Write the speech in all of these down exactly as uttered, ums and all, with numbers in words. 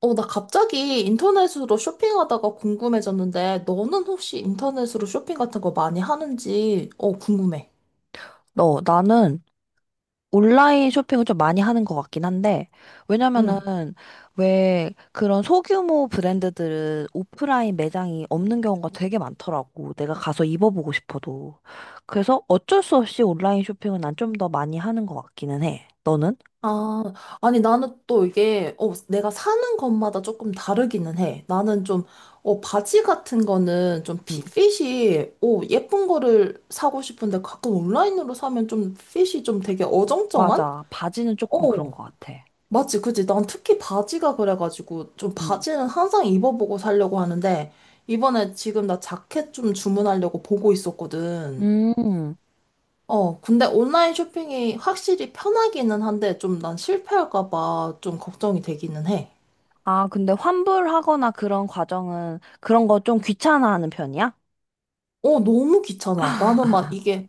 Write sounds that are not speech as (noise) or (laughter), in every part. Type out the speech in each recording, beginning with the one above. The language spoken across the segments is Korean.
어, 나 갑자기 인터넷으로 쇼핑하다가 궁금해졌는데, 너는 혹시 인터넷으로 쇼핑 같은 거 많이 하는지, 어, 궁금해. 너, 나는 온라인 쇼핑을 좀 많이 하는 것 같긴 한데, 응. 왜냐면은, 왜 그런 소규모 브랜드들은 오프라인 매장이 없는 경우가 되게 많더라고. 내가 가서 입어보고 싶어도. 그래서 어쩔 수 없이 온라인 쇼핑은 난 좀 더 많이 하는 것 같기는 해. 너는? 아, 아니, 나는 또 이게, 어, 내가 사는 것마다 조금 다르기는 해. 나는 좀, 어, 바지 같은 거는 좀 피- 응, 핏이, 어, 예쁜 거를 사고 싶은데 가끔 온라인으로 사면 좀 핏이 좀 되게 어정쩡한? 맞아. 바지는 조금 그런 어. 것 같아. 맞지, 그치. 난 특히 바지가 그래가지고, 좀 응. 바지는 항상 입어보고 살려고 하는데, 이번에 지금 나 자켓 좀 주문하려고 보고 있었거든. 음. 어, 근데 온라인 쇼핑이 확실히 편하기는 한데, 좀 난 실패할까봐 좀 걱정이 되기는 해. 아, 근데 환불하거나 그런 과정은 그런 거 좀 귀찮아하는 편이야? 어, 너무 귀찮아. 나는 막 이게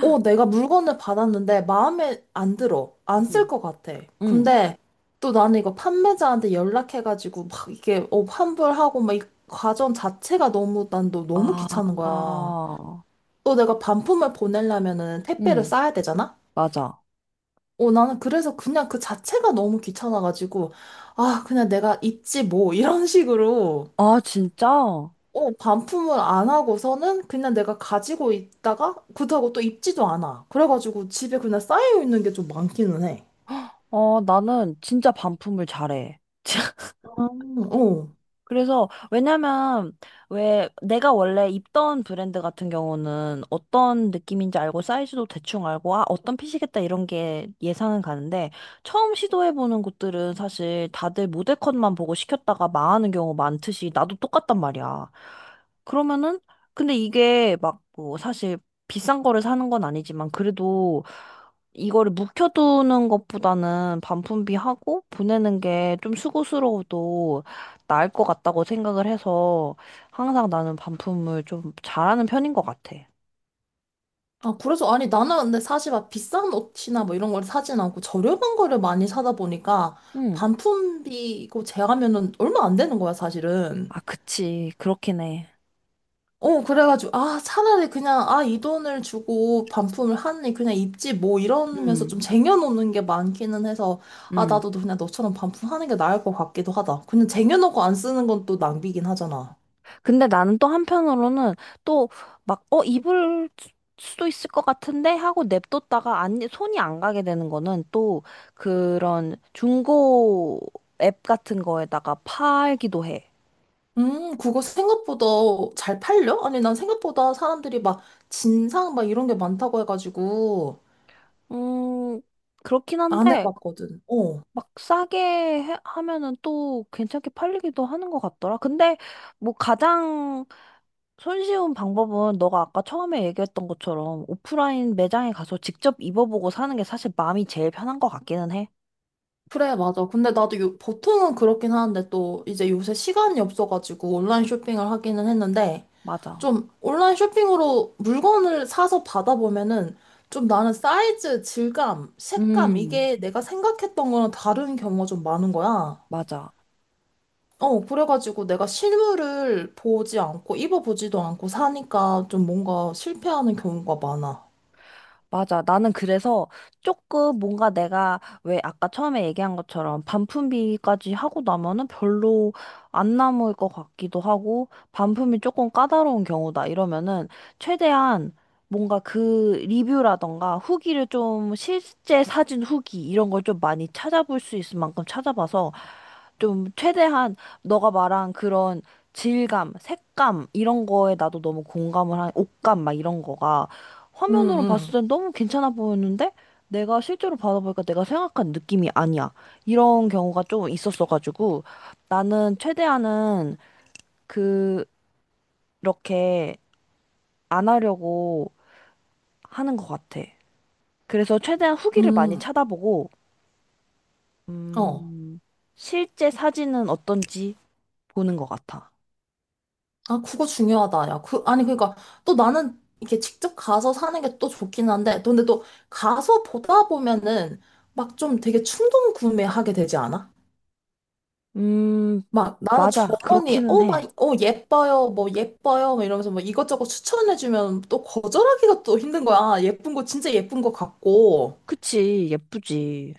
어, 내가 물건을 받았는데 마음에 안 들어. 안 쓸 응. 것 같아. 응. 근데 또 나는 이거 판매자한테 연락해가지고 막 이게 어, 환불하고 막 이 과정 자체가 너무 난 너, 너무 아, 귀찮은 거야. 또 내가 반품을 보내려면은 택배를 응, 싸야 되잖아? 맞아. 어, 나는 그래서 그냥 그 자체가 너무 귀찮아가지고 아, 그냥 내가 입지 뭐 이런 식으로 아, 진짜? 어, 반품을 안 하고서는 그냥 내가 가지고 있다가 그렇다고 또 입지도 않아. 그래가지고 집에 그냥 쌓여 있는 게 좀 많기는 해. 어, 나는 진짜 반품을 잘해. (laughs) 아, 어. 그래서 왜냐면 왜 내가 원래 입던 브랜드 같은 경우는 어떤 느낌인지 알고 사이즈도 대충 알고 아 어떤 핏이겠다 이런 게 예상은 가는데 처음 시도해보는 곳들은 사실 다들 모델 컷만 보고 시켰다가 망하는 경우 많듯이 나도 똑같단 말이야. 그러면은 근데 이게 막 뭐 사실 비싼 거를 사는 건 아니지만 그래도 이거를 묵혀두는 것보다는 반품비 하고 보내는 게 좀 수고스러워도 나을 것 같다고 생각을 해서 항상 나는 반품을 좀 잘하는 편인 것 같아. 아, 그래서 아니 나는 근데 사실 막 비싼 옷이나 뭐 이런 걸 사진 않고 저렴한 거를 많이 사다 보니까 응. 반품비고 제하면은 얼마 안 되는 거야, 사실은. 아, 그치. 그렇긴 해. 어, 그래가지고, 아, 차라리 그냥, 아, 이 돈을 주고 반품을 하니 그냥 입지 뭐 이러면서 좀 음, 쟁여놓는 게 많기는 해서, 아, 음. 나도 그냥 너처럼 반품하는 게 나을 것 같기도 하다. 그냥 쟁여놓고 안 쓰는 건 또 낭비긴 하잖아. 근데 나는 또 한편으로는 또 막, 어, 입을 수- 수도 있을 것 같은데 하고 냅뒀다가 안, 손이 안 가게 되는 거는 또 그런 중고 앱 같은 거에다가 팔기도 해. 음, 그거 생각보다 잘 팔려? 아니, 난 생각보다 사람들이 막 진상 막 이런 게 많다고 해가지고 음, 그렇긴 안 한데 해봤거든. 어. 막 싸게 해- 하면은 또 괜찮게 팔리기도 하는 것 같더라. 근데 뭐 가장 손쉬운 방법은 너가 아까 처음에 얘기했던 것처럼 오프라인 매장에 가서 직접 입어보고 사는 게 사실 마음이 제일 편한 것 같기는 해. 그래, 맞아. 근데 나도 요, 보통은 그렇긴 하는데 또 이제 요새 시간이 없어가지고 온라인 쇼핑을 하기는 했는데, 맞아. 좀 온라인 쇼핑으로 물건을 사서 받아보면은 좀 나는 사이즈, 질감, 색감 음. 이게 내가 생각했던 거랑 다른 경우가 좀 많은 거야. 맞아. 어, 그래가지고 내가 실물을 보지 않고 입어보지도 않고 사니까 좀 뭔가 실패하는 경우가 많아. 맞아. 나는 그래서 조금 뭔가 내가 왜 아까 처음에 얘기한 것처럼 반품비까지 하고 나면은 별로 안 남을 것 같기도 하고 반품이 조금 까다로운 경우다 이러면은 최대한 뭔가 그 리뷰라던가 후기를 좀 실제 사진 후기 이런 걸 좀 많이 찾아볼 수 있을 만큼 찾아봐서 좀 최대한 너가 말한 그런 질감, 색감 이런 거에 나도 너무 공감을 한 옷감 막 이런 거가 응, 화면으로 봤을 응, 땐 너무 괜찮아 보였는데 내가 실제로 받아보니까 내가 생각한 느낌이 아니야. 이런 경우가 좀 있었어가지고 나는 최대한은 그렇게 안 하려고 하는 것 같아. 그래서 최대한 후기를 많이 응. 찾아보고 어. 음, 실제 사진은 어떤지 보는 것 같아. 아, 그거 중요하다. 야, 그, 아니, 그러니까 또 나는 이렇게 직접 가서 사는 게 또 좋긴 한데, 근데 또 가서 보다 보면은 막 좀 되게 충동 구매하게 되지 않아? 음, 막 나는 맞아. 점원이 그렇기는 어, 막, 해. 어, 예뻐요, 뭐 예뻐요, 막 이러면서 뭐 이것저것 추천해주면 또 거절하기가 또 힘든 거야. "아, 예쁜 거 진짜 예쁜 거 같고. 그치. 예쁘지.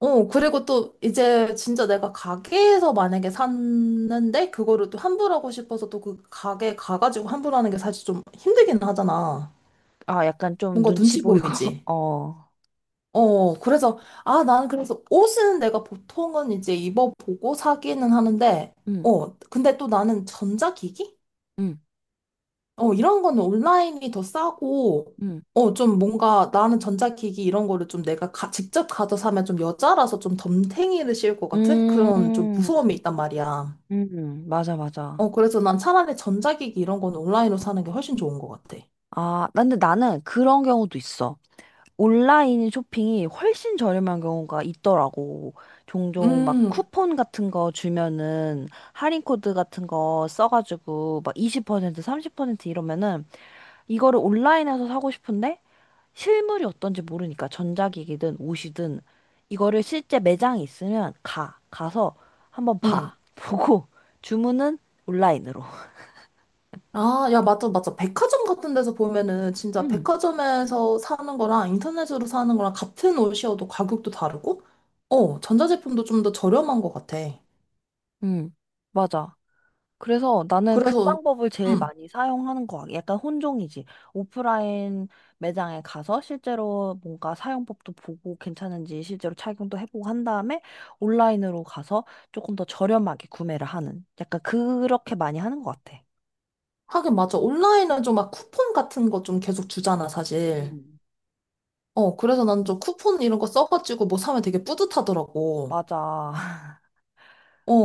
어, 그리고 또 이제 진짜 내가 가게에서 만약에 샀는데 그거를 또 환불하고 싶어서 또 그 가게 가가지고 환불하는 게 사실 좀 힘들긴 하잖아. 아, 약간 좀 뭔가 눈치 눈치 보이고. (laughs) 보이지. 어. 어, 그래서, 아, 나는 그래서 옷은 내가 보통은 이제 입어보고 사기는 하는데, 응, 어, 근데 또 나는 전자기기? 응, 어, 이런 거는 온라인이 더 싸고, 응. 어, 좀 뭔가 나는 전자기기 이런 거를 좀 내가 가- 직접 가서 사면 좀 여자라서 좀 덤탱이를 씌울 것 같은 그런 좀 음, 무서움이 있단 말이야. 음, 맞아, 맞아. 어, 그래서 난 차라리 전자기기 이런 거는 온라인으로 사는 게 훨씬 좋은 것 같아. 아, 근데 나는 그런 경우도 있어. 온라인 쇼핑이 훨씬 저렴한 경우가 있더라고. 종종 막 음, 쿠폰 같은 거 주면은 할인 코드 같은 거 써가지고 막 이십 퍼센트, 삼십 퍼센트 이러면은 이거를 온라인에서 사고 싶은데 실물이 어떤지 모르니까 전자기기든 옷이든 이거를 실제 매장이 있으면 가 가서 한번 음. 봐 보고 (laughs) 주문은 온라인으로. 아, 야, 맞아, 맞아. 백화점 같은 데서 보면은 진짜 음, 백화점에서 사는 거랑 인터넷으로 사는 거랑 같은 옷이어도 가격도 다르고, 어, 전자제품도 좀 더 저렴한 것 같아. 음, 맞아. 그래서 나는 그 그래서, 방법을 제일 음. 많이 사용하는 거 같아. 약간 혼종이지. 오프라인 매장에 가서 실제로 뭔가 사용법도 보고 괜찮은지 실제로 착용도 해보고 한 다음에 온라인으로 가서 조금 더 저렴하게 구매를 하는. 약간 그렇게 많이 하는 것 같아. 하긴 맞아. 온라인은 좀 막 쿠폰 같은 거 좀 계속 주잖아, 사실. 음. 어, 그래서 난 좀 쿠폰 이런 거 써가지고 뭐 사면 되게 뿌듯하더라고. 맞아. (laughs)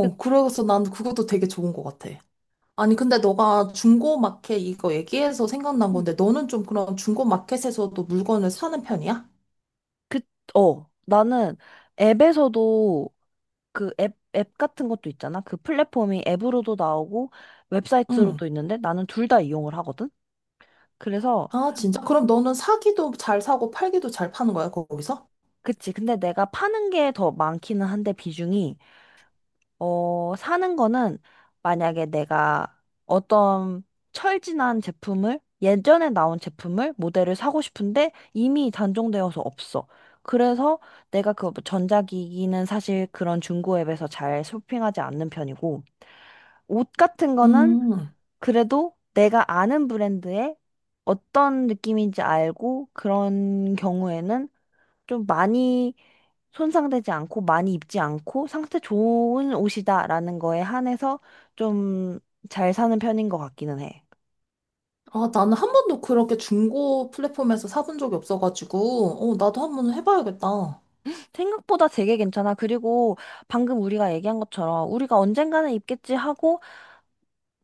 그, 그래서 난 그것도 되게 좋은 것 같아. 아니, 근데 너가 중고마켓 이거 얘기해서 생각난 건데, 음. 너는 좀 그런 중고마켓에서도 물건을 사는 편이야? 그, 어, 나는 앱에서도 그 앱, 앱 같은 것도 있잖아. 그 플랫폼이 앱으로도 나오고 응. 웹사이트로도 있는데 나는 둘 다 이용을 하거든. 그래서, 아, 진짜? 그럼 너는 사기도 잘 사고 팔기도 잘 파는 거야, 거기서? 그치. 근데 내가 파는 게 더 많기는 한데 비중이 어, 사는 거는 만약에 내가 어떤 철진한 제품을 예전에 나온 제품을 모델을 사고 싶은데 이미 단종되어서 없어. 그래서 내가 그 전자기기는 사실 그런 중고 앱에서 잘 쇼핑하지 않는 편이고 옷 같은 거는 음. 그래도 내가 아는 브랜드의 어떤 느낌인지 알고 그런 경우에는 좀 많이 손상되지 않고 많이 입지 않고 상태 좋은 옷이다라는 거에 한해서 좀 잘 사는 편인 것 같기는 해. 아, 나는 한 번도 그렇게 중고 플랫폼에서 사본 적이 없어가지고, 어, 나도 한 번 해봐야겠다. 생각보다 되게 괜찮아. 그리고 방금 우리가 얘기한 것처럼 우리가 언젠가는 입겠지 하고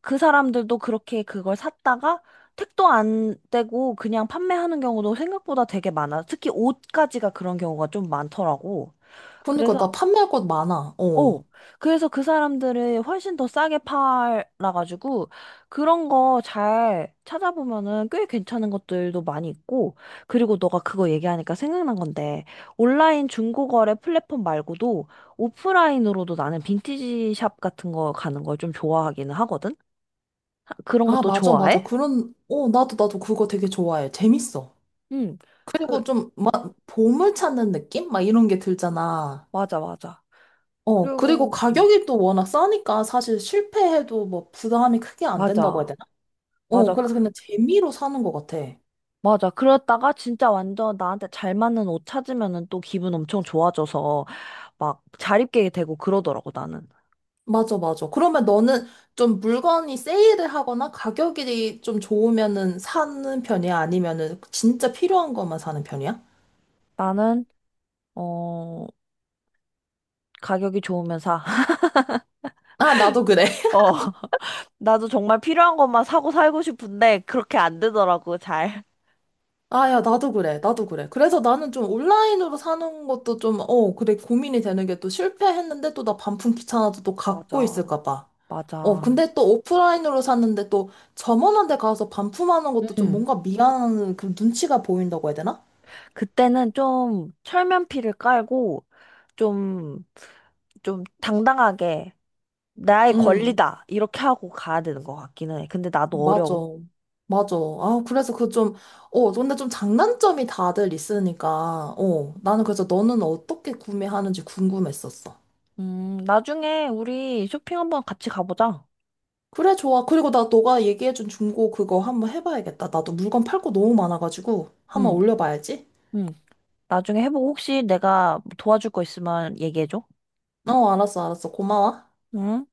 그 사람들도 그렇게 그걸 샀다가 택도 안 떼고 그냥 판매하는 경우도 생각보다 되게 많아. 특히 옷까지가 그런 경우가 좀 많더라고. 그러니까 그래서 나 판매할 것 많아. 어, 어. 그래서 그 사람들을 훨씬 더 싸게 팔아가지고, 그런 거 잘 찾아보면은 꽤 괜찮은 것들도 많이 있고, 그리고 너가 그거 얘기하니까 생각난 건데, 온라인 중고거래 플랫폼 말고도 오프라인으로도 나는 빈티지 샵 같은 거 가는 걸 좀 좋아하기는 하거든? 아, 그런 아, 것도 맞아, 맞아. 좋아해? 그런, 어, 나도, 나도 그거 되게 좋아해. 재밌어. 응, 그, 그리고 좀, 막, 보물 찾는 느낌? 막 이런 게 들잖아. 맞아, 맞아. 어, 그리고 그리고, 음, 가격이 또 워낙 싸니까 사실 실패해도 뭐 부담이 크게 안 된다고 해야 맞아, 되나? 어, 맞아. 그래서 그 그냥 재미로 사는 것 같아. 맞아. 그러다가 진짜 완전 나한테 잘 맞는 옷 찾으면은 또 기분 엄청 좋아져서 막 자립게 되고 그러더라고, 나는. 맞아, 맞아. 그러면 너는 좀 물건이 세일을 하거나 가격이 좀 좋으면은 사는 편이야? 아니면은 진짜 필요한 것만 사는 편이야? 나는, 어, 가격이 좋으면 사. (laughs) 아, 나도 그래. 어, 나도 정말 필요한 것만 사고 살고 싶은데 그렇게 안 되더라고, 잘. 아, 야, 나도 그래. 나도 그래. 그래서 나는 좀 온라인으로 사는 것도 좀, 어, 그래, 고민이 되는 게 또 실패했는데 또 나 반품 귀찮아서 또 갖고 맞아. 있을까 봐. 어, 맞아. 근데 또 오프라인으로 샀는데 또 점원한테 가서 반품하는 것도 좀 음. 뭔가 미안한 그 눈치가 보인다고 해야 되나? 그때는 좀 철면피를 깔고 좀, 좀 당당하게 나의 응, 권리다. 이렇게 하고 가야 되는 것 같기는 해. 근데 나도 맞아. 어려워. 맞아. 아, 그래서 그 좀, 어, 근데 좀 장단점이 다들 있으니까, 어, 나는 그래서 너는 어떻게 구매하는지 궁금했었어. 음, 나중에 우리 쇼핑 한번 같이 가보자. 그래, 좋아. 그리고 나 너가 얘기해준 중고 그거 한번 해봐야겠다. 나도 물건 팔 거 너무 많아가지고 한번 응, 올려봐야지. 응. 나중에 해보고 혹시 내가 뭐 도와줄 거 있으면 얘기해줘. 어, 알았어, 알았어. 고마워. 응?